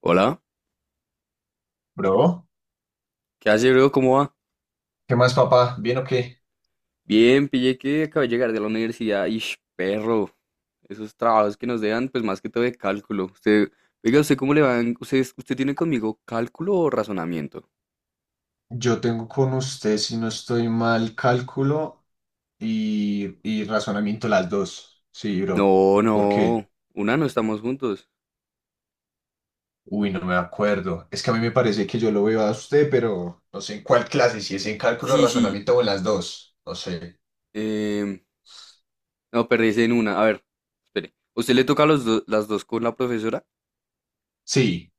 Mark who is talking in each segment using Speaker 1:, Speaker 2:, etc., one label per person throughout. Speaker 1: Hola,
Speaker 2: Bro,
Speaker 1: ¿qué hace, bro? ¿Cómo va?
Speaker 2: ¿qué más, papá? ¿Bien o qué?
Speaker 1: Bien, pillé que acabo de llegar de la universidad. Ish, perro, esos trabajos que nos dejan, pues más que todo de cálculo. Usted, oiga, ¿usted cómo le va? ¿Usted tiene conmigo cálculo o razonamiento?
Speaker 2: Yo tengo con usted, si no estoy mal, cálculo y razonamiento las dos. Sí, bro.
Speaker 1: No,
Speaker 2: ¿Por qué?
Speaker 1: no, una no estamos juntos.
Speaker 2: Uy, no me acuerdo. Es que a mí me parece que yo lo veo a usted, pero no sé en cuál clase, si es en cálculo,
Speaker 1: Sí, sí,
Speaker 2: razonamiento o en las dos. No sé.
Speaker 1: em, no, perdí en una. A ver, espere, ¿usted le toca las dos con la profesora?
Speaker 2: Sí,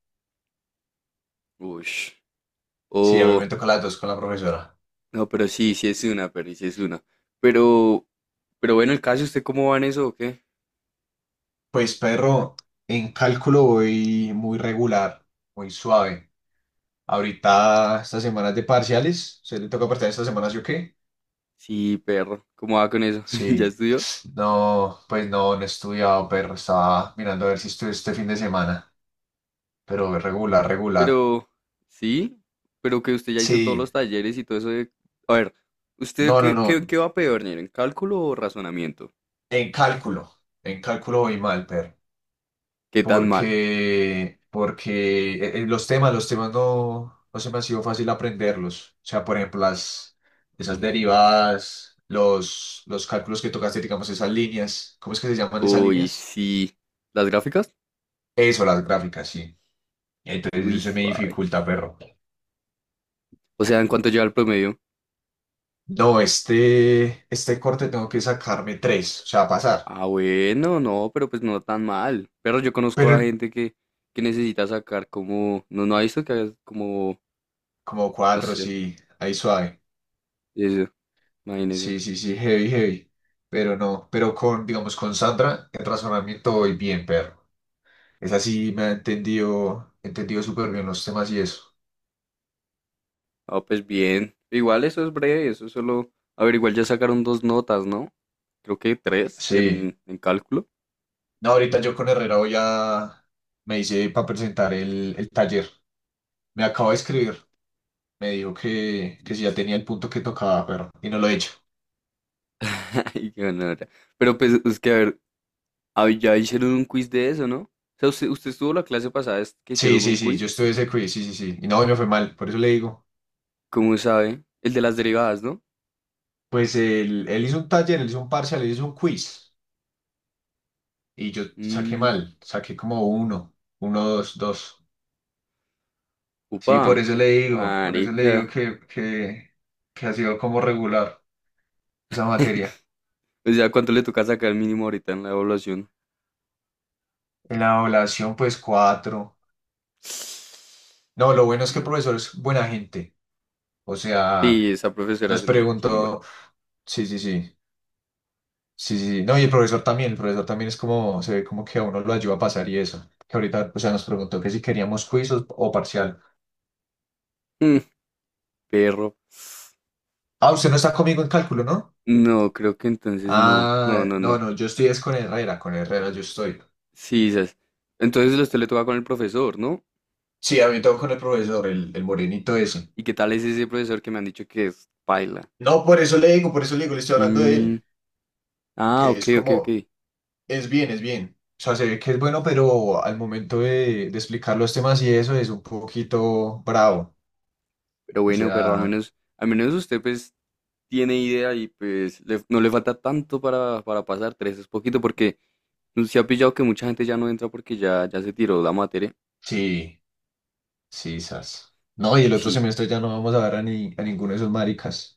Speaker 1: Ush.
Speaker 2: sí, a mí
Speaker 1: Oh,
Speaker 2: me toca las dos con la profesora.
Speaker 1: no, pero sí, sí es una, perdí, sí es una. Pero, pero bueno, el caso, ¿usted cómo va en eso o qué?
Speaker 2: Pues, perro, en cálculo voy muy regular, muy suave. Ahorita, estas semanas de parciales, ¿se le toca partir estas semanas, yo qué?
Speaker 1: Sí, perro, ¿cómo va con eso? ¿Ya
Speaker 2: Sí,
Speaker 1: estudió?
Speaker 2: no, pues no he estudiado, pero estaba mirando a ver si estudio este fin de semana, pero regular, regular.
Speaker 1: Pero, sí, pero que usted ya hizo todos los
Speaker 2: Sí,
Speaker 1: talleres y todo eso de... A ver, ¿usted
Speaker 2: no, no, no,
Speaker 1: qué va peor, en ¿cálculo o razonamiento?
Speaker 2: en cálculo, en cálculo voy mal, pero,
Speaker 1: ¿Qué tan mal?
Speaker 2: porque los temas, no se me ha sido fácil aprenderlos. O sea, por ejemplo, esas derivadas, los cálculos que tocaste, digamos, esas líneas, ¿cómo es que se llaman esas
Speaker 1: Uy,
Speaker 2: líneas?
Speaker 1: sí. ¿Las gráficas?
Speaker 2: Eso, las gráficas, sí. Entonces
Speaker 1: Uy,
Speaker 2: eso se me
Speaker 1: suave.
Speaker 2: dificulta, perro.
Speaker 1: O sea, ¿en cuánto lleva el promedio?
Speaker 2: No, este corte tengo que sacarme tres, o sea, pasar.
Speaker 1: Ah, bueno, no, pero pues no tan mal. Pero yo conozco
Speaker 2: Pero
Speaker 1: a
Speaker 2: el-
Speaker 1: gente que necesita sacar como... No, no ha visto que haga como...
Speaker 2: Como
Speaker 1: No
Speaker 2: cuatro,
Speaker 1: sé,
Speaker 2: sí, ahí suave.
Speaker 1: eso, imagínese.
Speaker 2: Sí, sí, sí, heavy, heavy. Pero no, pero con, digamos, con Sandra, el razonamiento voy bien, perro. Es así, me ha entendido súper bien los temas y eso.
Speaker 1: Ah, pues bien. Igual eso es breve, eso es solo... A ver, igual ya sacaron dos notas, ¿no? Creo que tres
Speaker 2: Sí.
Speaker 1: en cálculo.
Speaker 2: No, ahorita yo con Herrera voy a, me hice para presentar el taller. Me acabo de escribir. Me dijo que si ya tenía el punto que tocaba, pero, y no lo he hecho.
Speaker 1: Ay, qué gonorrea. Pero pues es que, a ver, ah, ya hicieron un quiz de eso, ¿no? O sea, usted estuvo la clase pasada es que
Speaker 2: Sí,
Speaker 1: hicieron
Speaker 2: sí,
Speaker 1: un
Speaker 2: sí, yo
Speaker 1: quiz,
Speaker 2: estuve ese quiz, sí, sí, sí. Y no, y me fue mal, por eso le digo.
Speaker 1: ¿cómo sabe? El de las derivadas, ¿no?
Speaker 2: Pues él hizo un taller, él hizo un parcial, él hizo un quiz. Y yo saqué
Speaker 1: Mm,
Speaker 2: mal, saqué como uno, uno, dos, dos. Sí, por
Speaker 1: upa,
Speaker 2: eso le digo, por eso le
Speaker 1: marica.
Speaker 2: digo que ha sido como regular esa materia.
Speaker 1: O sea, ¿cuánto le toca sacar mínimo ahorita en la evaluación?
Speaker 2: En la evaluación, pues cuatro. No, lo bueno es que el
Speaker 1: Uh,
Speaker 2: profesor es buena gente. O sea,
Speaker 1: sí, esa profesora
Speaker 2: nos
Speaker 1: es una chimba.
Speaker 2: preguntó, sí, sí, sí. Sí, sí, sí. No, y el profesor también es como, se ve como que a uno lo ayuda a pasar y eso. Que ahorita, o sea, nos preguntó que si queríamos quiz o parcial.
Speaker 1: Mm, perro.
Speaker 2: Ah, usted no está conmigo en cálculo, ¿no?
Speaker 1: No, creo que entonces no. No,
Speaker 2: Ah,
Speaker 1: no,
Speaker 2: no,
Speaker 1: no.
Speaker 2: no, yo estoy es con Herrera yo estoy.
Speaker 1: Sí, esas. Entonces usted le toca con el profesor, ¿no?
Speaker 2: Sí, a mí tengo con el profesor, el morenito ese.
Speaker 1: ¿Y qué tal es ese profesor que me han dicho que es paila?
Speaker 2: No, por eso le digo, por eso le digo, le estoy hablando de
Speaker 1: Mm,
Speaker 2: él,
Speaker 1: ah,
Speaker 2: que
Speaker 1: ok,
Speaker 2: es
Speaker 1: ok, ok.
Speaker 2: como, es bien, es bien. O sea, se ve que es bueno, pero al momento de explicar los temas y eso es un poquito bravo.
Speaker 1: Pero
Speaker 2: O
Speaker 1: bueno, pero
Speaker 2: sea,
Speaker 1: al menos usted pues tiene idea y pues no le falta tanto para pasar tres, es poquito porque no se ha pillado que mucha gente ya no entra porque ya, ya se tiró la materia.
Speaker 2: sí. Sí, sas. No, y el otro
Speaker 1: Sí,
Speaker 2: semestre ya no vamos a ver a, ni, a ninguno de esos maricas.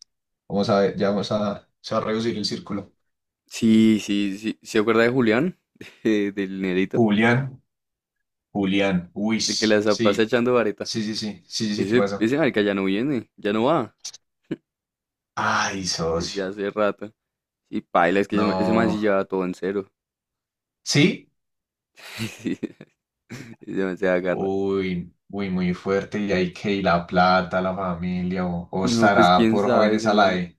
Speaker 2: Vamos a ver, ya vamos a, se va a reducir el círculo.
Speaker 1: sí, sí, sí. ¿Se acuerda de Julián? Del nerito,
Speaker 2: Julián, Julián,
Speaker 1: de que la
Speaker 2: Uis.
Speaker 1: pasa
Speaker 2: Sí,
Speaker 1: echando vareta.
Speaker 2: sí, sí, sí, sí, sí, sí, ¿qué
Speaker 1: Ese,
Speaker 2: pasa?
Speaker 1: ese marica ya no viene, ya no va,
Speaker 2: Ay,
Speaker 1: desde
Speaker 2: socio.
Speaker 1: hace rato. Y paila, es que ese, ese man
Speaker 2: No.
Speaker 1: sí lleva todo en cero.
Speaker 2: ¿Sí?
Speaker 1: Ese man se agarra.
Speaker 2: Uy, uy, muy fuerte. Y hay que ir la plata, la familia, o
Speaker 1: No, pues
Speaker 2: estará
Speaker 1: quién
Speaker 2: por
Speaker 1: sabe
Speaker 2: jóvenes
Speaker 1: ese
Speaker 2: a la
Speaker 1: man.
Speaker 2: E.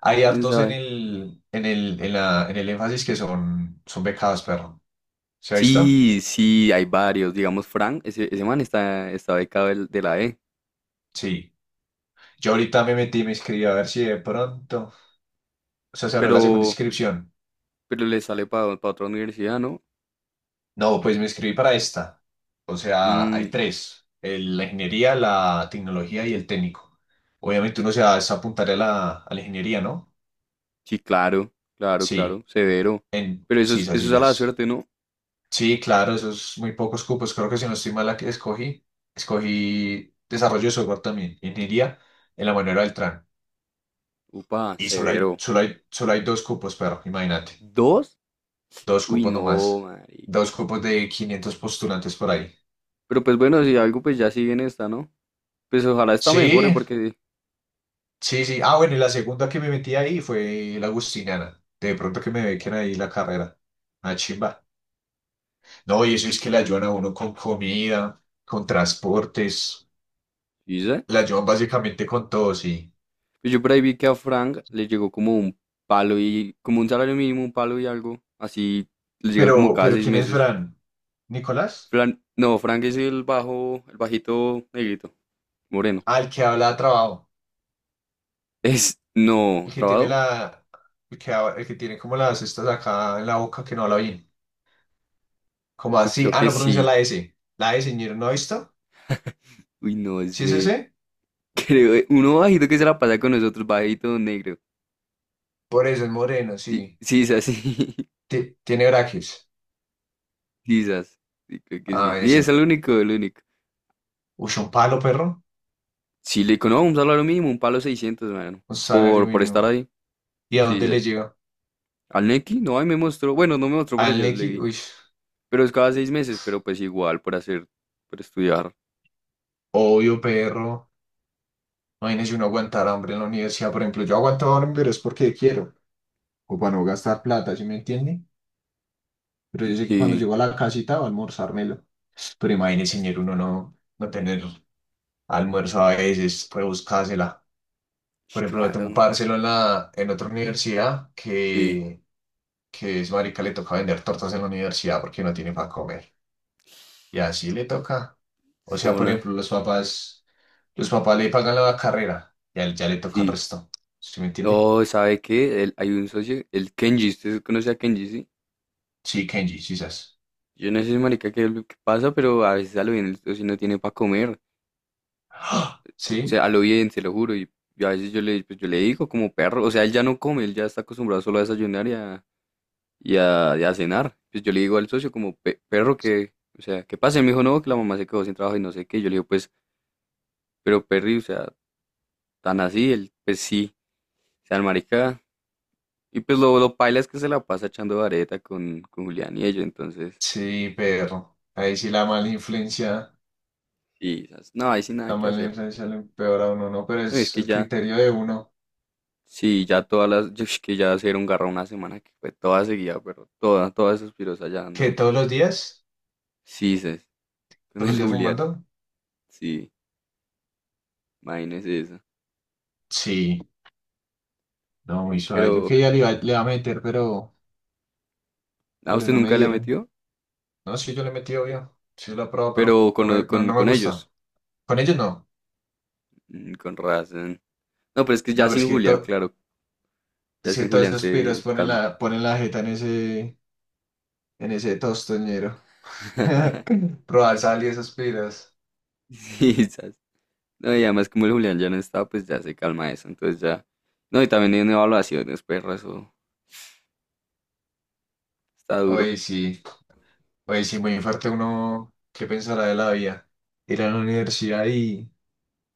Speaker 2: Hay
Speaker 1: ¿Quién
Speaker 2: hartos en
Speaker 1: sabe?
Speaker 2: el énfasis que son, son becados, perro. ¿Se ha visto?
Speaker 1: Sí, sí, hay varios. Digamos, Frank, ese man está, está becado de la E.
Speaker 2: Sí. Yo ahorita me metí, me inscribí a ver si de pronto. O sea, se abrió la segunda
Speaker 1: Pero,
Speaker 2: inscripción.
Speaker 1: pero le sale para otra universidad, ¿no?
Speaker 2: No, pues me inscribí para esta. O sea, hay
Speaker 1: Mm,
Speaker 2: tres. La ingeniería, la tecnología y el técnico. Obviamente uno se va es apuntar a a la ingeniería, ¿no?
Speaker 1: sí, claro, claro, claro.
Speaker 2: Sí,
Speaker 1: Severo.
Speaker 2: en
Speaker 1: Pero
Speaker 2: sí, sí,
Speaker 1: eso
Speaker 2: sí.
Speaker 1: es a la
Speaker 2: Sí,
Speaker 1: suerte, ¿no?
Speaker 2: sí, claro, esos muy pocos cupos. Creo que si no estoy mal, escogí desarrollo de software también, ingeniería en la manera del TRAN.
Speaker 1: Upa,
Speaker 2: Y
Speaker 1: severo.
Speaker 2: solo hay dos cupos, pero imagínate.
Speaker 1: ¿Dos?
Speaker 2: Dos
Speaker 1: Uy,
Speaker 2: cupos nomás.
Speaker 1: no, marica.
Speaker 2: Dos cupos de 500 postulantes por ahí.
Speaker 1: Pero pues bueno, si algo pues ya sigue en esta, ¿no? Pues ojalá esta mejore
Speaker 2: Sí,
Speaker 1: porque...
Speaker 2: sí, sí. Ah, bueno, y la segunda que me metí ahí fue la Agustiniana. De pronto que me bequen ahí la carrera. Ah, chimba. No, y eso es que la ayudan a uno con comida, con transportes.
Speaker 1: ¿Dice?
Speaker 2: La ayudan básicamente con todo, sí.
Speaker 1: Pues yo por ahí vi que a Frank le llegó como un palo y como un salario mínimo, un palo y algo. Así le llegan como cada
Speaker 2: Pero
Speaker 1: seis
Speaker 2: ¿quién es
Speaker 1: meses.
Speaker 2: Fran? ¿Nicolás?
Speaker 1: No, Frank es el bajo, el bajito negrito, moreno.
Speaker 2: Ah, el que habla de trabajo.
Speaker 1: Es, no,
Speaker 2: El que tiene
Speaker 1: ¿trabado?
Speaker 2: la... El que tiene como las estas acá en la boca que no habla bien. Como
Speaker 1: Uy,
Speaker 2: así.
Speaker 1: creo
Speaker 2: Ah,
Speaker 1: que
Speaker 2: no pronuncia
Speaker 1: sí.
Speaker 2: la S. La S, señor, ¿no ha visto?
Speaker 1: Uy, no
Speaker 2: ¿Sí es
Speaker 1: sé.
Speaker 2: ese?
Speaker 1: Creo, uno bajito que se la pasa con nosotros, bajito negro.
Speaker 2: Por eso, el moreno,
Speaker 1: Sí,
Speaker 2: sí.
Speaker 1: sí, es así.
Speaker 2: Tiene
Speaker 1: El
Speaker 2: braques.
Speaker 1: sisas. Sí, creo que sí.
Speaker 2: Ah,
Speaker 1: Sí, es
Speaker 2: eso.
Speaker 1: el único, el único.
Speaker 2: Uy, un palo, perro.
Speaker 1: Sí, le digo, no, un salario mínimo, un palo 600 mano.
Speaker 2: Un salario
Speaker 1: Por estar
Speaker 2: mínimo.
Speaker 1: ahí.
Speaker 2: ¿Y a
Speaker 1: Sí,
Speaker 2: dónde le
Speaker 1: sí.
Speaker 2: llega?
Speaker 1: Al Neki, no, ahí me mostró, bueno, no me mostró, pero
Speaker 2: Al
Speaker 1: yo
Speaker 2: Neki.
Speaker 1: leí.
Speaker 2: Uy,
Speaker 1: Pero es cada seis meses, pero pues igual, para hacer, para estudiar.
Speaker 2: obvio, perro. Imagínese uno aguantar hambre en la universidad, por ejemplo. Yo aguanto hambre, pero es porque quiero. O para no gastar plata, ¿sí me entiende? Pero yo sé que cuando
Speaker 1: Sí,
Speaker 2: llego a la casita va a almorzármelo. Pero imagínese, señor, uno no tener almuerzo a veces, puede buscársela.
Speaker 1: sh,
Speaker 2: Por ejemplo, yo tengo
Speaker 1: claro,
Speaker 2: un
Speaker 1: no.
Speaker 2: parcelo en, la, en otra universidad
Speaker 1: Sí,
Speaker 2: que es marica le toca vender tortas en la universidad porque no tiene para comer. Y así le toca. O sea, por
Speaker 1: zonas,
Speaker 2: ejemplo, los papás le pagan la carrera y a él ya le toca el
Speaker 1: sí.
Speaker 2: resto. ¿Sí me entiende?
Speaker 1: No, ¿sabe qué? Hay un socio, el Kenji, ¿usted conoce a Kenji, sí?
Speaker 2: Sí, Kenji, quizás.
Speaker 1: Yo no sé, marica, qué es lo que pasa, pero a veces a lo bien el socio no tiene para comer.
Speaker 2: ¡Ah!
Speaker 1: O
Speaker 2: Sí,
Speaker 1: sea, a lo bien, se lo juro. Y a veces yo le, pues, yo le digo como perro, o sea, él ya no come, él ya está acostumbrado solo a desayunar y a cenar. Pues yo le digo al socio como, perro, que, o sea, ¿qué pasa?" Y me dijo, no, que la mamá se quedó sin trabajo y no sé qué. Yo le digo, pues, pero Perry, o sea, tan así, él, pues sí, o sea, el marica. Y pues lo paila es que se la pasa echando vareta con Julián y ellos, entonces,
Speaker 2: sí, Pedro. Ahí sí
Speaker 1: eso- y no, ahí sí nada
Speaker 2: la
Speaker 1: que
Speaker 2: mala
Speaker 1: hacer.
Speaker 2: influencia le empeora a uno, ¿no? Pero
Speaker 1: No, es
Speaker 2: es
Speaker 1: que
Speaker 2: el
Speaker 1: ya,
Speaker 2: criterio de uno.
Speaker 1: sí, ya todas las, yo, es que ya hacer un garra una semana que fue toda seguida, pero toda, todas esas piros ya
Speaker 2: ¿Que
Speaker 1: dándole.
Speaker 2: todos los días?
Speaker 1: Sí, ses, con
Speaker 2: ¿Todos los
Speaker 1: el
Speaker 2: días
Speaker 1: Julián,
Speaker 2: fumando?
Speaker 1: sí, imagínese eso.
Speaker 2: Sí, no, muy suave. Yo
Speaker 1: Pero,
Speaker 2: que ya le iba,
Speaker 1: ¿a
Speaker 2: pero
Speaker 1: usted
Speaker 2: no me
Speaker 1: nunca le ha
Speaker 2: dieron.
Speaker 1: metido?
Speaker 2: No, sí, yo le he metido bien. Sí, lo he probado, pero
Speaker 1: Pero con,
Speaker 2: no me
Speaker 1: con
Speaker 2: gusta.
Speaker 1: ellos,
Speaker 2: Con ellos no.
Speaker 1: mm, con razón. No, pero es que
Speaker 2: No,
Speaker 1: ya
Speaker 2: pero es
Speaker 1: sin
Speaker 2: que,
Speaker 1: Julián, claro, ya
Speaker 2: es que
Speaker 1: sin
Speaker 2: todas
Speaker 1: Julián
Speaker 2: esas piras
Speaker 1: se, se
Speaker 2: ponen
Speaker 1: calma.
Speaker 2: ponen la jeta en en ese tostoñero. Probar sal y esas piras.
Speaker 1: Sí, sas. No, y además como el Julián ya no está, pues ya se calma eso, entonces ya. No, y también en evaluaciones, perro, eso está duro.
Speaker 2: Oye, sí. Oye, sí, muy fuerte uno. ¿Qué pensará de la vida? Ir a la universidad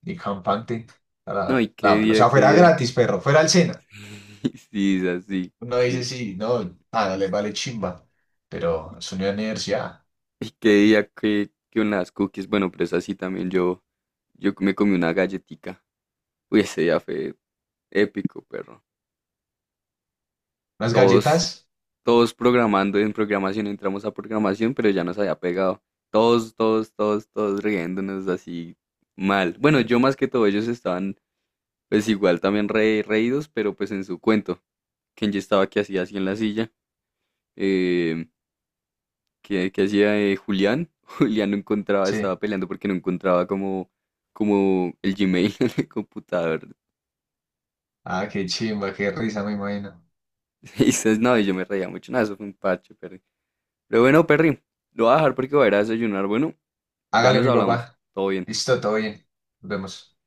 Speaker 2: y campante.
Speaker 1: No, y qué
Speaker 2: O
Speaker 1: día,
Speaker 2: sea,
Speaker 1: qué
Speaker 2: fuera
Speaker 1: día.
Speaker 2: gratis, perro. Fuera al cena.
Speaker 1: Sí, sas, sí,
Speaker 2: Uno dice,
Speaker 1: sí.
Speaker 2: sí, no, nada, le vale chimba. Pero es una universidad.
Speaker 1: Y qué día que unas cookies, bueno, pero es así también yo me comí una galletica. Uy, ese día fue épico, perro.
Speaker 2: Las
Speaker 1: Todos,
Speaker 2: galletas.
Speaker 1: todos programando en programación, entramos a programación, pero ya nos había pegado. Todos, todos, todos, todos riéndonos así mal. Bueno, yo más que todo, ellos estaban pues igual también reídos, pero pues en su cuento. Kenji estaba que hacía así en la silla. Eh, que hacía Julián. Julián no encontraba,
Speaker 2: Sí.
Speaker 1: estaba peleando porque no encontraba como, como el Gmail en el computador.
Speaker 2: Ah, qué chimba, qué risa, me imagino.
Speaker 1: Y dices, no, y yo me reía mucho. No, eso fue un parche, Perry. Pero bueno, Perry, lo voy a dejar porque voy a ir a desayunar. Bueno, ya
Speaker 2: Hágale,
Speaker 1: nos
Speaker 2: mi
Speaker 1: hablamos.
Speaker 2: papá.
Speaker 1: Todo bien.
Speaker 2: Listo, todo bien. Nos vemos.